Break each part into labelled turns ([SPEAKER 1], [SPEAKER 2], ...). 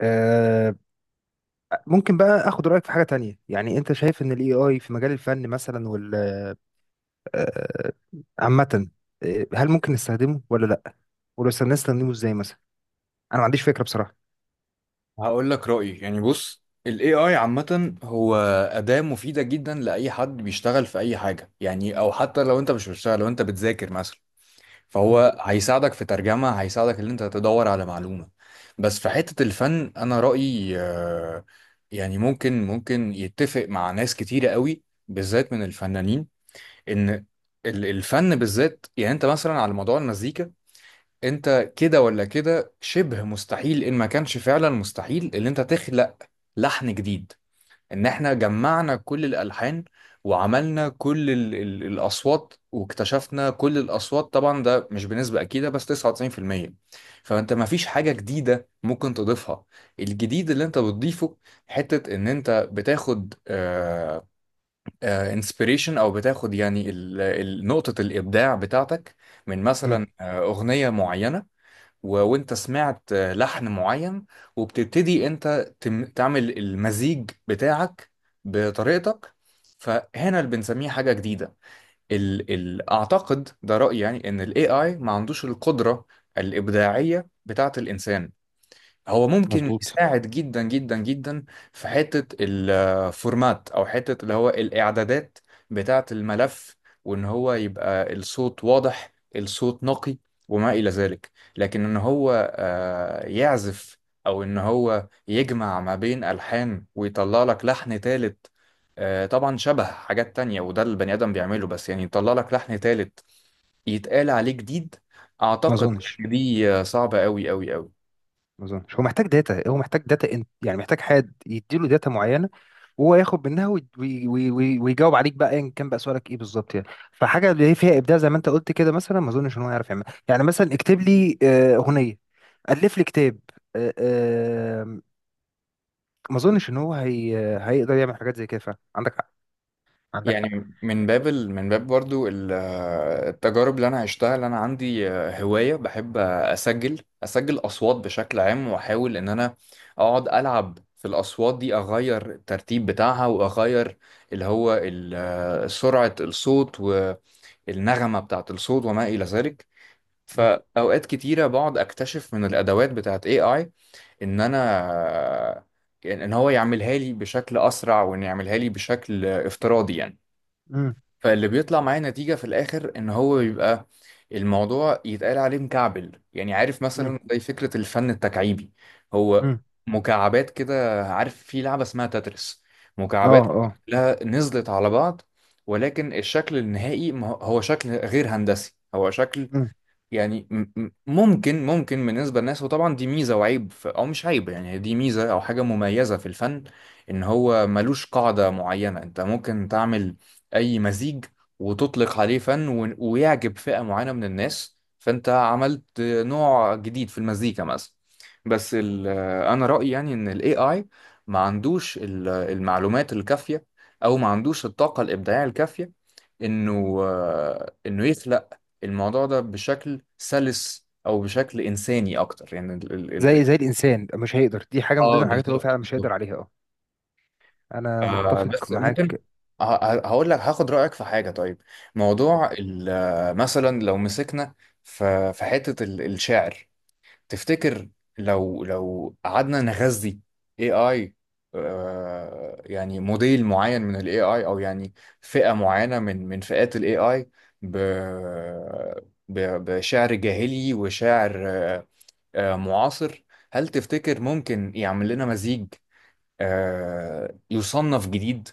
[SPEAKER 1] آه، ممكن بقى اخد رايك في حاجه تانية، يعني انت شايف ان الاي اي في مجال الفن مثلا وال آه، عامه. هل ممكن نستخدمه ولا لا؟ ولو استخدمنا نستخدمه ازاي مثلا؟ انا ما عنديش فكره بصراحه.
[SPEAKER 2] هقول لك رأيي، يعني بص، ال AI عامة هو أداة مفيدة جدا لأي حد بيشتغل في أي حاجة، يعني أو حتى لو أنت مش بتشتغل، لو أنت بتذاكر مثلا
[SPEAKER 1] مم.
[SPEAKER 2] فهو هيساعدك في ترجمة، هيساعدك إن أنت تدور على معلومة. بس في حتة الفن أنا رأيي، يعني ممكن يتفق مع ناس كتيرة قوي بالذات من الفنانين، إن الفن بالذات، يعني أنت مثلا على موضوع المزيكا، انت كده ولا كده شبه مستحيل، ان ما كانش فعلا مستحيل ان انت تخلق لحن جديد، ان احنا جمعنا كل الالحان وعملنا كل ال الاصوات واكتشفنا كل الاصوات، طبعا ده مش بنسبة اكيدة بس 99%. فانت ما فيش حاجة جديدة ممكن تضيفها. الجديد اللي انت بتضيفه حتة ان انت بتاخد inspiration، او بتاخد يعني نقطة الابداع بتاعتك من
[SPEAKER 1] مم.
[SPEAKER 2] مثلا اغنية معينة، وانت سمعت لحن معين، وبتبتدي انت تعمل المزيج بتاعك بطريقتك. فهنا اللي بنسميه حاجة جديدة. اعتقد ده رأيي، يعني ان الاي اي ما عندوش القدرة الإبداعية بتاعة الإنسان. هو ممكن
[SPEAKER 1] مظبوط.
[SPEAKER 2] يساعد جدا جدا جدا في حتة الفورمات او حتة اللي هو الاعدادات بتاعة الملف، وان هو يبقى الصوت واضح، الصوت نقي، وما الى ذلك. لكن ان هو يعزف او ان هو يجمع ما بين الحان ويطلع لك لحن تالت، طبعا شبه حاجات تانية وده البني ادم بيعمله، بس يعني يطلع لك لحن تالت يتقال عليه جديد،
[SPEAKER 1] ما
[SPEAKER 2] اعتقد
[SPEAKER 1] اظنش.
[SPEAKER 2] إن دي صعبة قوي قوي قوي.
[SPEAKER 1] ما اظنش هو محتاج داتا، هو محتاج داتا، انت يعني محتاج حد يديله داتا معينه، وهو ياخد منها ويجاوب عليك بقى ايا كان بقى سؤالك ايه بالظبط يعني. فحاجه اللي هي فيها ابداع زي ما انت قلت كده مثلا، ما اظنش ان هو يعرف يعملها، يعني مثلا اكتب لي اغنيه، الف لي كتاب. آه، آه، ما اظنش ان هو هيقدر يعمل حاجات زي كده، فعلا عندك حق، عندك حق.
[SPEAKER 2] يعني من باب برضو التجارب اللي انا عشتها، اللي انا عندي هواية بحب اسجل اصوات بشكل عام، واحاول ان انا اقعد العب في الاصوات دي، اغير الترتيب بتاعها واغير اللي هو سرعة الصوت والنغمة بتاعة الصوت وما الى ذلك.
[SPEAKER 1] مم.
[SPEAKER 2] فاوقات كتيرة بقعد اكتشف من الادوات بتاعة AI ان انا آه، ان هو يعملها لي بشكل اسرع، وان يعملها لي بشكل افتراضي يعني.
[SPEAKER 1] مم.
[SPEAKER 2] فاللي بيطلع معايا نتيجة في الآخر إن هو بيبقى الموضوع يتقال عليه مكعبل، يعني عارف
[SPEAKER 1] مم.
[SPEAKER 2] مثلا زي فكرة الفن التكعيبي. هو
[SPEAKER 1] مم.
[SPEAKER 2] مكعبات كده، عارف في لعبة اسمها تتريس،
[SPEAKER 1] اه
[SPEAKER 2] مكعبات
[SPEAKER 1] اه.
[SPEAKER 2] كلها نزلت على بعض، ولكن الشكل النهائي ما هو شكل غير هندسي، هو شكل
[SPEAKER 1] مم.
[SPEAKER 2] يعني ممكن بالنسبة للناس. وطبعا دي ميزة وعيب، أو مش عيب، يعني دي ميزة أو حاجة مميزة في الفن إن هو ملوش قاعدة معينة. أنت ممكن تعمل أي مزيج وتطلق عليه فن، ويعجب فئة معينة من الناس، فأنت عملت نوع جديد في المزيكا مثلا. بس أنا رأيي يعني إن ال AI ما عندوش المعلومات الكافية، أو ما عندوش الطاقة الإبداعية الكافية، إنه يخلق الموضوع ده بشكل سلس او بشكل انساني اكتر، يعني ال ال ال
[SPEAKER 1] زي الانسان مش هيقدر، دي حاجه من ضمن
[SPEAKER 2] اه
[SPEAKER 1] الحاجات اللي هو فعلا مش هيقدر عليها، اه، انا
[SPEAKER 2] آه
[SPEAKER 1] متفق
[SPEAKER 2] بس ممكن.
[SPEAKER 1] معاك.
[SPEAKER 2] هقول لك، هاخد رأيك في حاجة طيب. موضوع مثلا لو مسكنا في حتة الشعر، تفتكر لو قعدنا نغذي AI، يعني موديل معين من ال AI، او يعني فئة معينة من فئات ال AI ب ب- بشعر جاهلي وشعر معاصر، هل تفتكر ممكن يعمل لنا مزيج يصنف جديد؟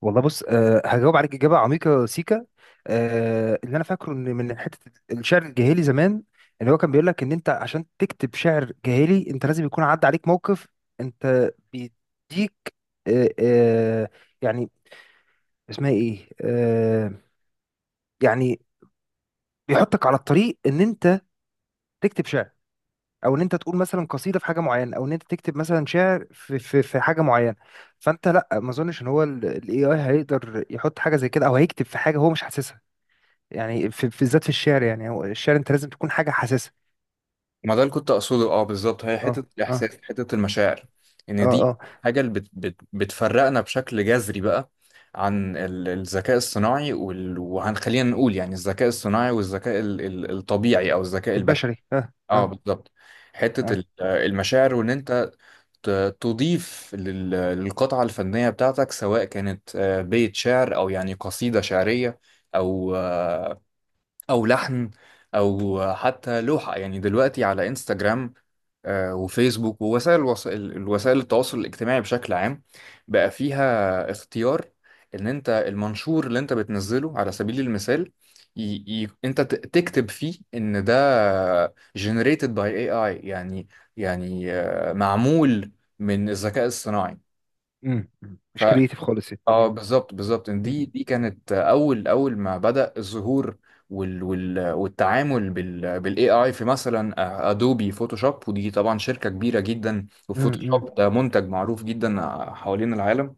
[SPEAKER 1] والله بص، هجاوب عليك اجابه عميقه سيكا. أه، اللي انا فاكره ان من حته الشعر الجاهلي زمان، اللي هو كان بيقول لك ان انت عشان تكتب شعر جاهلي انت لازم يكون عدى عليك موقف، انت بيديك، أه أه، يعني، اسمها ايه، يعني، بيحطك على الطريق ان انت تكتب شعر، او ان انت تقول مثلا قصيده في حاجه معينه، او ان انت تكتب مثلا شعر في في حاجه معينه. فانت، لا، ما اظنش ان هو الاي اي هيقدر يحط حاجه زي كده، او هيكتب في حاجه هو مش حاسسها، يعني بالذات في الشعر، يعني هو الشعر انت لازم تكون حاجه حاسسها.
[SPEAKER 2] ما ده اللي كنت اقصده، اه بالظبط، هي
[SPEAKER 1] اه
[SPEAKER 2] حته
[SPEAKER 1] اه.
[SPEAKER 2] الاحساس، حته المشاعر،
[SPEAKER 1] اه
[SPEAKER 2] ان دي
[SPEAKER 1] اه.
[SPEAKER 2] حاجه اللي بت بت بتفرقنا بشكل جذري بقى عن الذكاء الصناعي، وهنخلينا نقول يعني الذكاء الصناعي والذكاء الطبيعي او الذكاء البشري.
[SPEAKER 1] البشري، اه
[SPEAKER 2] اه
[SPEAKER 1] اه.
[SPEAKER 2] بالظبط، حته
[SPEAKER 1] اه.
[SPEAKER 2] المشاعر وان انت تضيف للقطعة الفنية بتاعتك، سواء كانت بيت شعر، أو يعني قصيدة شعرية، أو او لحن، او حتى لوحة. يعني دلوقتي على انستجرام وفيسبوك ووسائل الوسائل التواصل الاجتماعي بشكل عام، بقى فيها اختيار ان انت المنشور اللي انت بتنزله على سبيل المثال ي... انت تكتب فيه ان ده generated by AI، يعني معمول من الذكاء الصناعي.
[SPEAKER 1] امم. أمم. مش كريتيف خالص يعني.
[SPEAKER 2] اه
[SPEAKER 1] امم.
[SPEAKER 2] بالظبط بالظبط، دي
[SPEAKER 1] أمم.
[SPEAKER 2] دي كانت اول ما بدأ الظهور والتعامل بالاي اي في مثلا ادوبي فوتوشوب، ودي طبعا شركة كبيرة جدا،
[SPEAKER 1] أمم.
[SPEAKER 2] وفوتوشوب ده منتج معروف جدا حوالين العالم.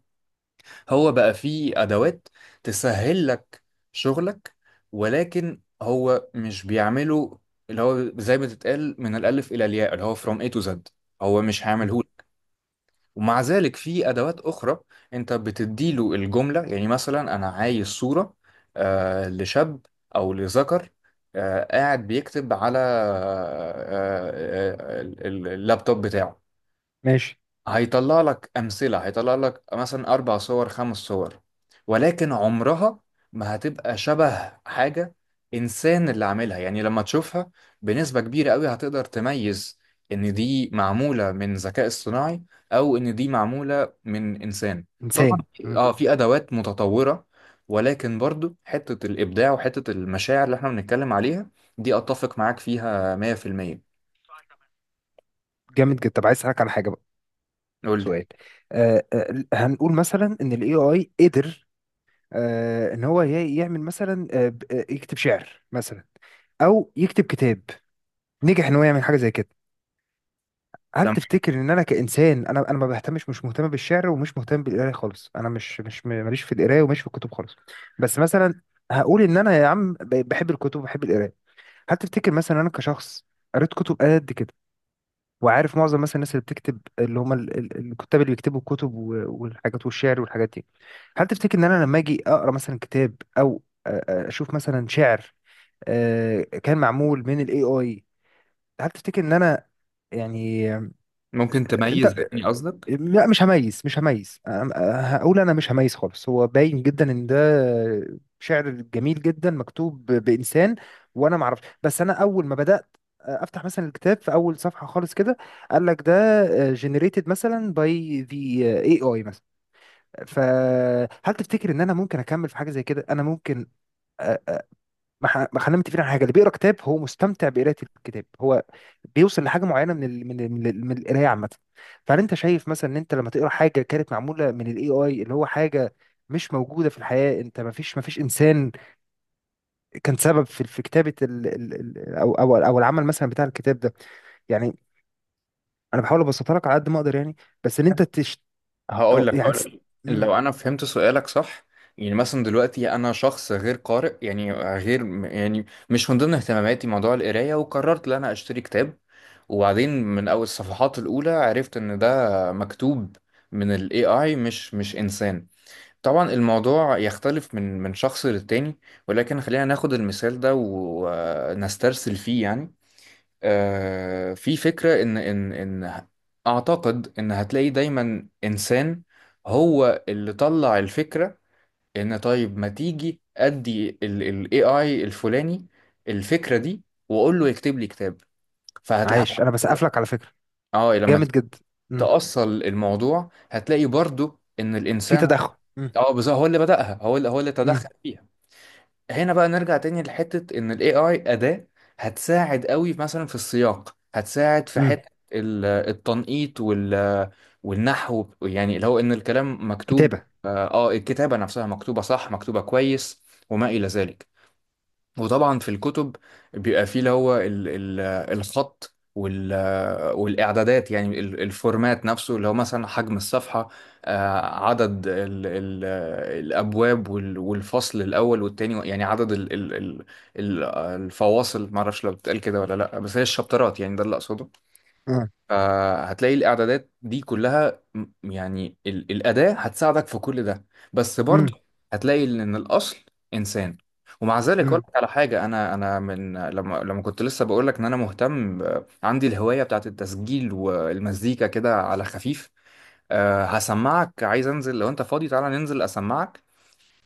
[SPEAKER 2] هو بقى فيه ادوات تسهل لك شغلك، ولكن هو مش بيعمله اللي هو زي ما تتقال من الالف الى الياء، اللي هو فروم اي تو زد، هو مش
[SPEAKER 1] أمم.
[SPEAKER 2] هيعمله. ومع ذلك في ادوات اخرى انت بتديله الجمله، يعني مثلا انا عايز صوره لشاب او لذكر، قاعد بيكتب على اللابتوب بتاعه،
[SPEAKER 1] ماشي.
[SPEAKER 2] هيطلع لك أمثلة، هيطلع لك مثلا أربع صور، خمس صور، ولكن عمرها ما هتبقى شبه حاجة إنسان اللي عاملها. يعني لما تشوفها بنسبة كبيرة قوي هتقدر تميز إن دي معمولة من ذكاء اصطناعي، أو إن دي معمولة من إنسان. طبعا
[SPEAKER 1] انسان، أمم.
[SPEAKER 2] في أدوات متطورة، ولكن برضو حتة الإبداع وحتة المشاعر اللي إحنا بنتكلم عليها، دي أتفق معاك فيها 100%.
[SPEAKER 1] جامد جدا. طب، عايز اسالك على حاجه بقى،
[SPEAKER 2] قول لي،
[SPEAKER 1] سؤال. هنقول مثلا ان الاي اي قدر، ان هو يعمل مثلا، يكتب شعر مثلا، او يكتب كتاب، نجح ان هو يعمل حاجه زي كده. هل تفتكر ان انا كانسان، انا ما بهتمش، مش مهتم بالشعر ومش مهتم بالقرايه خالص، انا مش مش م- ماليش في القرايه وماليش في الكتب خالص. بس مثلا، هقول ان انا يا عم بحب الكتب وبحب القرايه. هل تفتكر مثلا انا كشخص قريت كتب قد كده، وعارف معظم مثلا الناس اللي بتكتب اللي هم الكتاب اللي بيكتبوا الكتب والحاجات والشعر والحاجات دي، هل تفتكر ان انا لما اجي اقرا مثلا كتاب او اشوف مثلا شعر كان معمول من الاي اي، هل تفتكر ان انا، يعني،
[SPEAKER 2] ممكن تميز
[SPEAKER 1] انت؟
[SPEAKER 2] يعني قصدك؟
[SPEAKER 1] لا، مش هميز، مش هميز، هقول انا مش هميز خالص، هو باين جدا ان ده شعر جميل جدا مكتوب بانسان، وانا ما اعرفش. بس انا اول ما بدات افتح مثلا الكتاب في اول صفحه خالص كده، قال لك ده generated مثلا by the AI مثلا. فهل تفتكر ان انا ممكن اكمل في حاجه زي كده؟ انا ممكن، ما، خلينا متفقين على حاجه، اللي بيقرا كتاب هو مستمتع بقراءه الكتاب، هو بيوصل لحاجه معينه من من القرايه عامه. فهل انت شايف مثلا ان انت لما تقرا حاجه كانت معموله من الاي اي، اللي هو حاجه مش موجوده في الحياه، انت ما فيش انسان كان سبب في كتابه ال ال ال او او او العمل مثلا بتاع الكتاب ده، يعني، انا بحاول ابسطها لك على قد ما اقدر يعني، بس ان انت تش،
[SPEAKER 2] هقول
[SPEAKER 1] أو
[SPEAKER 2] لك
[SPEAKER 1] يعني
[SPEAKER 2] هقول
[SPEAKER 1] تس-.
[SPEAKER 2] لك
[SPEAKER 1] مم.
[SPEAKER 2] لو انا فهمت سؤالك صح. يعني مثلا دلوقتي انا شخص غير قارئ، يعني غير، يعني مش من ضمن اهتماماتي موضوع القرايه، وقررت ان انا اشتري كتاب، وبعدين من اول الصفحات الاولى عرفت ان ده مكتوب من الاي اي، مش انسان. طبعا الموضوع يختلف من شخص للتاني، ولكن خلينا ناخد المثال ده ونسترسل فيه يعني. في فكرة إن أعتقد إن هتلاقي دايما إنسان هو اللي طلع الفكرة. إن طيب، ما تيجي أدي ال AI الفلاني الفكرة دي، وأقول له يكتب لي كتاب، فهتلاقي
[SPEAKER 1] عايش، انا بسقف لك على فكره،
[SPEAKER 2] اه لما
[SPEAKER 1] جامد جدا. مم.
[SPEAKER 2] تأصل الموضوع هتلاقي برضو إن
[SPEAKER 1] في
[SPEAKER 2] الإنسان،
[SPEAKER 1] تدخل. مم.
[SPEAKER 2] اه بالظبط، هو اللي بدأها، هو اللي تدخل
[SPEAKER 1] مم.
[SPEAKER 2] فيها. هنا بقى نرجع تاني لحتة إن ال AI أداة، هتساعد قوي مثلا في السياق، هتساعد في
[SPEAKER 1] مم.
[SPEAKER 2] حتة التنقيط والنحو، يعني اللي هو إن الكلام مكتوب،
[SPEAKER 1] كتابه.
[SPEAKER 2] الكتابة نفسها مكتوبة صح، مكتوبة كويس وما إلى ذلك. وطبعا في الكتب بيبقى فيه اللي هو ال ال الخط والإعدادات، يعني الفورمات نفسه، اللي هو مثلا حجم الصفحة، عدد ال ال الأبواب والفصل الأول والتاني، يعني عدد ال- الفواصل، معرفش لو بتتقال كده ولا لأ، بس هي الشابترات، يعني ده اللي أقصده.
[SPEAKER 1] مم.
[SPEAKER 2] فهتلاقي الاعدادات دي كلها يعني الاداه هتساعدك في كل ده، بس
[SPEAKER 1] مم.
[SPEAKER 2] برضه هتلاقي ان الاصل انسان. ومع ذلك اقول
[SPEAKER 1] مم.
[SPEAKER 2] لك على حاجه، انا من لما كنت لسه بقول لك ان انا مهتم عندي الهوايه بتاعت التسجيل والمزيكا كده على خفيف. أه هسمعك، عايز انزل لو انت فاضي، تعالى ننزل اسمعك.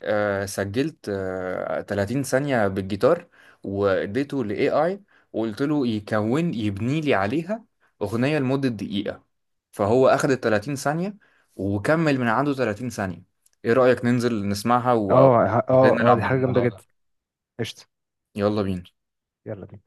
[SPEAKER 2] سجلت 30 ثانية بالجيتار واديته ل AI، وقلت له يكون يبني لي عليها أغنية لمدة دقيقة. فهو أخد ال 30 ثانية وكمل من عنده 30 ثانية. إيه رأيك ننزل نسمعها؟ و ازاي
[SPEAKER 1] اه اه،
[SPEAKER 2] نلعب
[SPEAKER 1] دي حاجة جامدة
[SPEAKER 2] بالموضوع ده؟
[SPEAKER 1] جدا. قشطة.
[SPEAKER 2] يلا بينا.
[SPEAKER 1] يلا بينا.